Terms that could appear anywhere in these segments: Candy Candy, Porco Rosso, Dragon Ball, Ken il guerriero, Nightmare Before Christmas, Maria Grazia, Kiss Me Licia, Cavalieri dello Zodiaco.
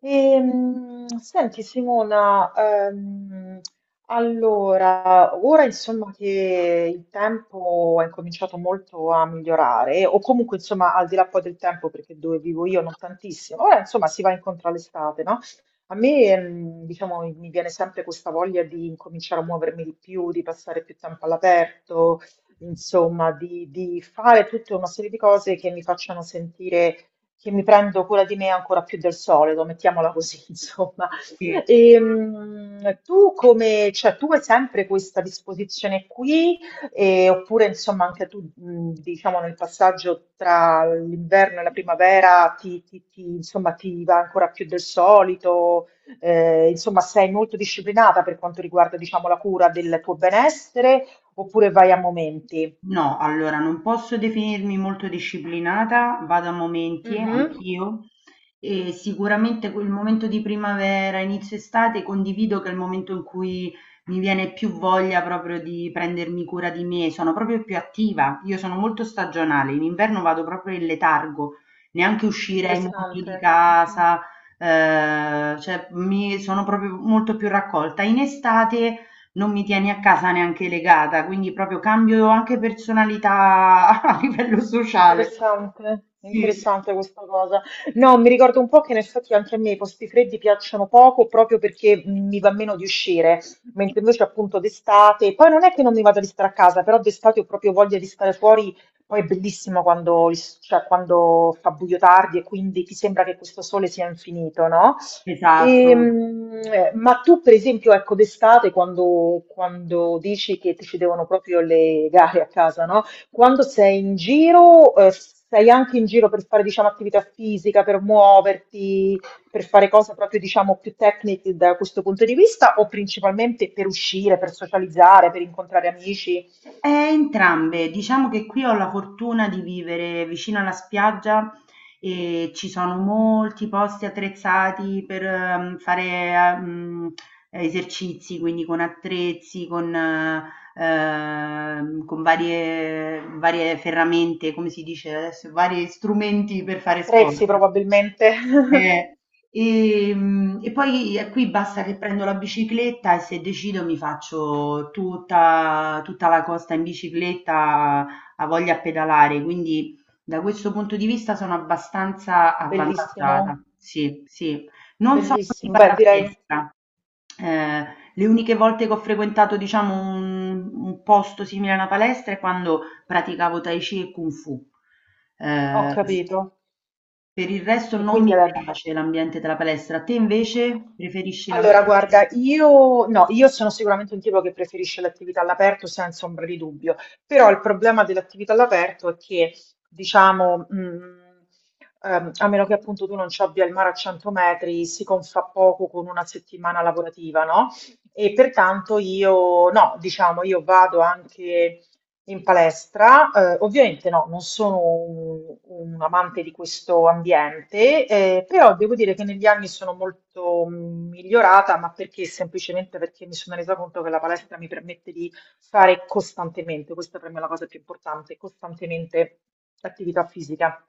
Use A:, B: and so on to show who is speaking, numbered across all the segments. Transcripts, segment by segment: A: Senti Simona, allora, ora insomma che il tempo è cominciato molto a migliorare, o comunque insomma al di là poi del tempo, perché dove vivo io non tantissimo, ora insomma si va incontro all'estate, no? A me, diciamo, mi viene sempre questa voglia di incominciare a muovermi di più, di passare più tempo all'aperto, insomma, di fare tutta una serie di cose che mi facciano sentire che mi prendo cura di me ancora più del solito, mettiamola così, insomma.
B: Sì.
A: Tu come, cioè, tu hai sempre questa disposizione qui, oppure insomma anche tu, diciamo, nel passaggio tra l'inverno e la primavera ti, insomma, ti va ancora più del solito, eh, insomma, sei molto disciplinata per quanto riguarda, diciamo, la cura del tuo benessere, oppure vai a momenti?
B: No, allora non posso definirmi molto disciplinata, vado a momenti,
A: Mhm.
B: anch'io, e sicuramente quel momento di primavera, inizio estate, condivido che è il momento in cui mi viene più voglia proprio di prendermi cura di me, sono proprio più attiva, io sono molto stagionale, in inverno vado proprio in letargo, neanche uscirei molto
A: Interessante.
B: di casa, cioè mi sono proprio molto più raccolta. In estate, non mi tieni a casa neanche legata, quindi proprio cambio anche personalità a livello sociale.
A: Interessante,
B: Sì,
A: interessante questa cosa. No, mi ricordo un po' che in effetti anche a me i posti freddi piacciono poco proprio perché mi va meno di uscire, mentre invece appunto d'estate, poi non è che non mi vada di stare a casa, però d'estate ho proprio voglia di stare fuori, poi è bellissimo quando, il- cioè, quando fa buio tardi e quindi ti sembra che questo sole sia infinito, no?
B: esatto.
A: Ma tu per esempio, ecco, d'estate quando, quando dici che ti ci devono proprio le gare a casa, no? Quando sei in giro, sei anche in giro per fare, diciamo, attività fisica, per muoverti, per fare cose proprio, diciamo, più tecniche da questo punto di vista, o principalmente per uscire, per socializzare, per incontrare amici?
B: E entrambe, diciamo che qui ho la fortuna di vivere vicino alla spiaggia e ci sono molti posti attrezzati per fare ehm, esercizi, quindi con attrezzi, con varie ferramente, come si dice adesso, vari strumenti per fare sport.
A: Prezzi probabilmente.
B: Eh, Poi qui basta che prendo la bicicletta e se decido mi faccio tutta la costa in bicicletta, a voglia a pedalare, quindi da questo punto di vista sono abbastanza avvantaggiata.
A: Bellissimo,
B: Sì, sì. Non sono
A: bellissimo.
B: tipo
A: Beh,
B: da
A: direi,
B: palestra. Eh, le uniche volte che ho frequentato, diciamo, un posto simile a una palestra è quando praticavo Tai Chi e Kung Fu.
A: ho
B: Eh,
A: capito.
B: per il resto
A: Che
B: non
A: quindi
B: mi
A: era
B: piace l'ambiente della palestra, te invece preferisci
A: allora, guarda,
B: l'ambiente?
A: io, no, io sono sicuramente un tipo che preferisce l'attività all'aperto senza ombra di dubbio, però il problema dell'attività all'aperto è che, diciamo, a meno che appunto tu non ci abbia il mare a 100 metri, si confà poco con una settimana lavorativa, no? E pertanto io, no, diciamo, io vado anche in palestra, ovviamente no, non sono un amante di questo ambiente, però devo dire che negli anni sono molto migliorata, ma perché? Semplicemente perché mi sono resa conto che la palestra mi permette di fare costantemente, questa per me è la cosa più importante, costantemente attività fisica.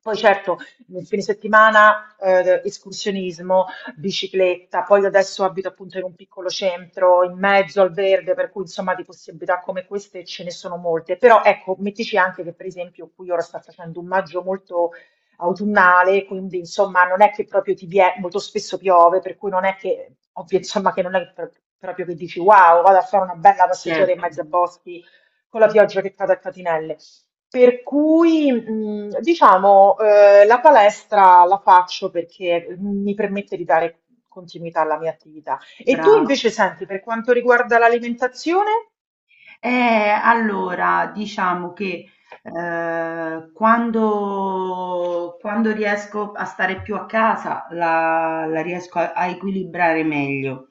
A: Poi certo, nel fine settimana, escursionismo, bicicletta, poi io adesso abito appunto in un piccolo centro in mezzo al verde, per cui insomma di possibilità come queste ce ne sono molte, però ecco, mettici anche che per esempio qui ora sta facendo un maggio molto autunnale, quindi insomma non è che proprio ti viene, molto spesso piove, per cui non è che, ovvio, insomma che non è proprio che dici wow, vado a fare una bella passeggiata in
B: Certo,
A: mezzo a boschi con la pioggia che cade a catinelle. Per cui, diciamo, la palestra la faccio perché mi permette di dare continuità alla mia attività. E tu
B: brava.
A: invece senti, per quanto riguarda l'alimentazione?
B: Eh, allora, diciamo che quando riesco a stare più a casa la riesco a, a equilibrare meglio.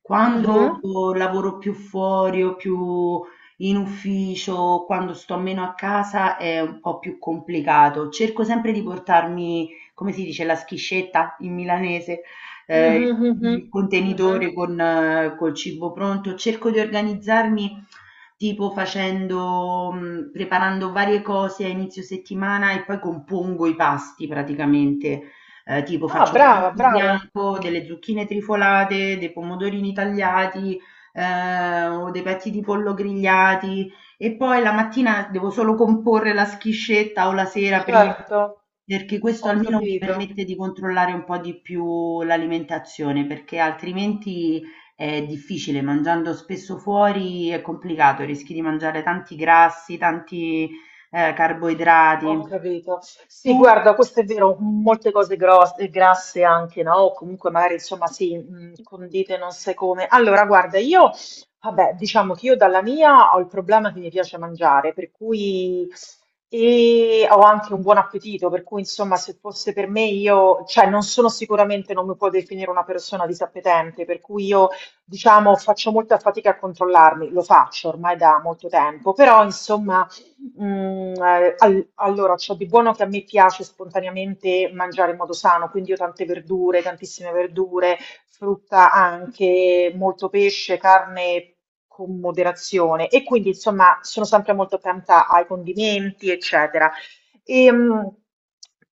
B: Quando
A: Mhm,
B: lavoro più fuori o più in ufficio, quando sto meno a casa è un po' più complicato. Cerco sempre di portarmi, come si dice, la schiscetta in milanese, ehm,
A: mhm, mhm,
B: il
A: mhm.
B: contenitore con col cibo pronto. Cerco di organizzarmi tipo facendo preparando varie cose a inizio settimana e poi compongo i pasti praticamente. Tipo
A: Ah,
B: faccio del
A: brava,
B: riso
A: brava,
B: bianco, delle zucchine trifolate, dei pomodorini tagliati, o dei petti di pollo grigliati. E poi la mattina devo solo comporre la schiscetta o la sera prima,
A: certo,
B: perché questo
A: ho
B: almeno mi
A: capito.
B: permette di controllare un po' di più l'alimentazione, perché altrimenti è difficile, mangiando spesso fuori è complicato, rischi di mangiare tanti grassi, tanti
A: Ho
B: carboidrati.
A: capito. Sì,
B: Tu?
A: guarda, questo è vero, molte cose grosse, grasse anche, no? O comunque magari, insomma, sì, condite non sai come. Allora, guarda, io, vabbè, diciamo che io dalla mia ho il problema che mi piace mangiare, per cui, e ho anche un buon appetito, per cui, insomma, se fosse per me, io, cioè, non sono sicuramente, non mi può definire una persona disappetente, per cui io, diciamo, faccio molta fatica a controllarmi, lo faccio ormai da molto tempo, però, insomma allora, ciò di buono che a me piace spontaneamente mangiare in modo sano, quindi io tante verdure, tantissime verdure, frutta anche, molto pesce, carne con moderazione e quindi insomma sono sempre molto attenta ai condimenti, eccetera. Ehm,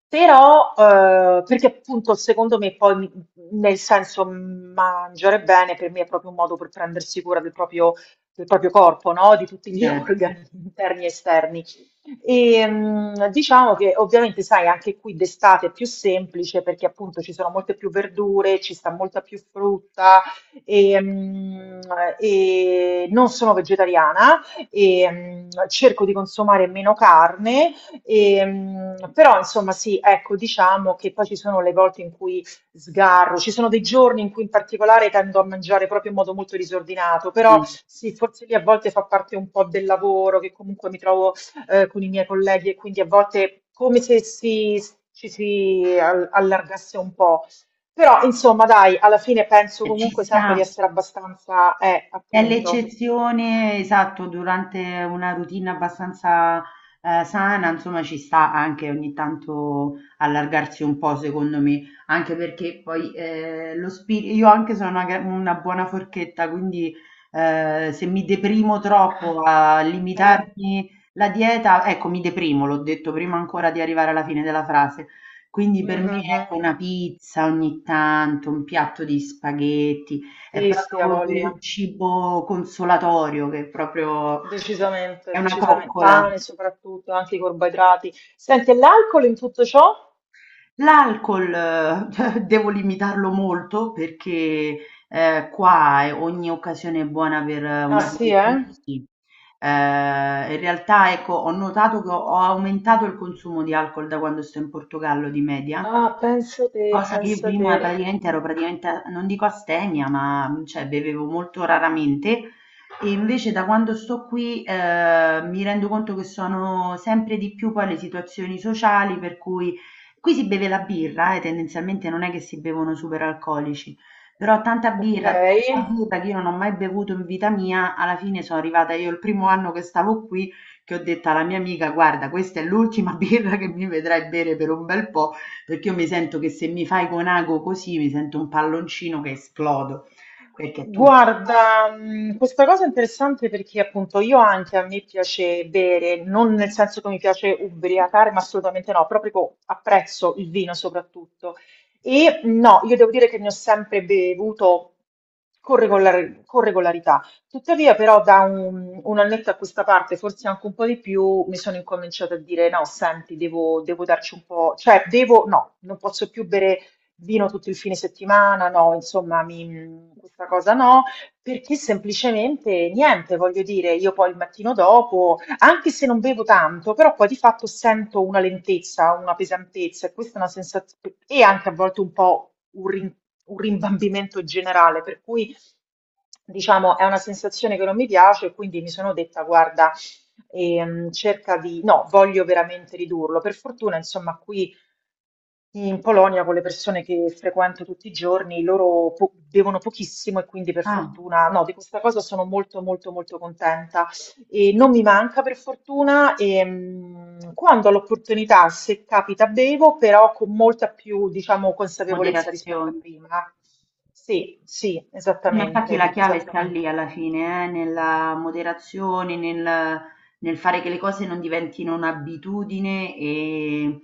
A: Però, perché appunto secondo me poi mi- nel senso mangiare bene per me è proprio un modo per prendersi cura del proprio corpo, no? Di tutti gli
B: Certo.
A: organi interni e esterni. E, diciamo che ovviamente, sai, anche qui d'estate è più semplice perché appunto ci sono molte più verdure, ci sta molta più frutta e, mh, e non sono vegetariana e cerco di consumare meno carne, e, però insomma sì, ecco, diciamo che poi ci sono le volte in cui sgarro, ci sono dei giorni in cui in particolare tendo a mangiare proprio in modo molto disordinato, però
B: Mm.
A: sì, forse lì a volte fa parte un po' del lavoro che comunque mi trovo con i miei colleghi e quindi a volte come se si, ci si allargasse un po'. Però insomma, dai, alla fine penso
B: E ci
A: comunque sempre di
B: sta.
A: essere abbastanza,
B: È
A: appunto.
B: l'eccezione, esatto, durante una routine abbastanza, sana, insomma ci sta anche ogni tanto allargarsi un po' secondo me, anche perché poi, lo spiri io anche sono una buona forchetta, quindi, se mi deprimo troppo a
A: Eh,
B: limitarmi la dieta ecco, mi deprimo, l'ho detto prima ancora di arrivare alla fine della frase. Quindi per me,
A: mhm.
B: ecco, una pizza ogni tanto, un piatto di spaghetti, è
A: Sì, sì, ha
B: proprio per
A: voglia.
B: il cibo consolatorio che è proprio è
A: Decisamente,
B: una
A: decisamente.
B: coccola.
A: Pane soprattutto, anche i carboidrati. Senti, e l'alcol in tutto ciò?
B: L'alcol devo limitarlo molto perché ogni occasione è buona per un
A: Ah sì, eh?
B: aperitivo, sì. In realtà, ecco, ho notato che ho aumentato il consumo di alcol da quando sto in Portogallo di media.
A: Ah, penso te,
B: Cosa che io
A: penso
B: prima
A: te.
B: praticamente non dico astemia, ma cioè bevevo molto raramente, e invece da quando sto qui mi rendo conto che sono sempre di più poi le situazioni sociali, per cui qui si beve la birra e tendenzialmente non è che si bevono super alcolici, però
A: Ok.
B: tanta birra che io non ho mai bevuto in vita mia. Alla fine sono arrivata io il primo anno che stavo qui che ho detto alla mia amica: guarda, questa è l'ultima birra che mi vedrai bere per un bel po'. Perché io mi sento che se mi fai con ago così, mi sento un palloncino che esplodo, perché tu...
A: Guarda, questa cosa è interessante perché appunto io anche a me piace bere, non nel senso che mi piace ubriacare, ma assolutamente no, proprio co- apprezzo il vino soprattutto. E no, io devo dire che ne ho sempre bevuto con con regolarità. Tuttavia, però, da un annetto a questa parte, forse anche un po' di più, mi sono incominciata a dire: no, senti, devo darci un po', cioè, devo, no, non posso più bere vino tutto il fine settimana, no, insomma, mi- questa cosa no, perché semplicemente niente, voglio dire, io poi il mattino dopo, anche se non bevo tanto, però poi di fatto sento una lentezza, una pesantezza, e questa è una sensazione, e anche a volte un po' un rimbambimento generale, per cui diciamo è una sensazione che non mi piace, e quindi mi sono detta, guarda, cerca di, no, voglio veramente ridurlo. Per fortuna, insomma, qui. Sì, in Polonia, con le persone che frequento tutti i giorni, loro bevono pochissimo e quindi per
B: Ah,
A: fortuna, no, di questa cosa sono molto molto molto contenta e non mi manca per fortuna e quando ho l'opportunità, se capita, bevo, però con molta più, diciamo, consapevolezza rispetto a
B: moderazione.
A: prima. Sì, sì,
B: Sì, ma infatti la
A: esattamente,
B: chiave sta lì
A: esattamente.
B: alla fine, nella moderazione, nel fare che le cose non diventino un'abitudine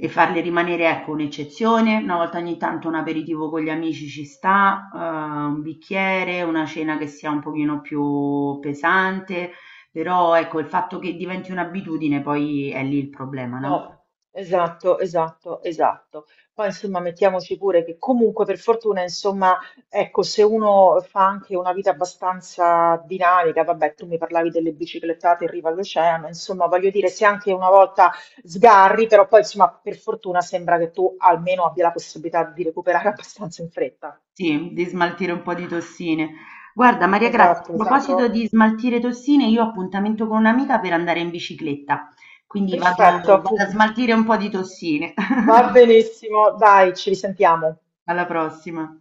B: e farli rimanere, ecco, un'eccezione. Una volta ogni tanto un aperitivo con gli amici ci sta, un bicchiere, una cena che sia un pochino più pesante, però ecco, il fatto che diventi un'abitudine poi è lì il problema, no?
A: No, esatto, esatto, esatto. Poi insomma mettiamoci pure che comunque per fortuna insomma ecco se uno fa anche una vita abbastanza dinamica, vabbè tu mi parlavi delle biciclettate in riva all'oceano, insomma voglio dire se anche una volta sgarri però poi insomma per fortuna sembra che tu almeno abbia la possibilità di recuperare abbastanza in fretta.
B: Sì, di smaltire un po' di tossine. Guarda, Maria Grazia, a
A: Esatto,
B: proposito
A: esatto.
B: di smaltire tossine, io ho appuntamento con un'amica per andare in bicicletta, quindi
A: Perfetto,
B: vado, vado a
A: appunto.
B: smaltire un po' di tossine.
A: Va benissimo, dai, ci risentiamo.
B: Alla prossima.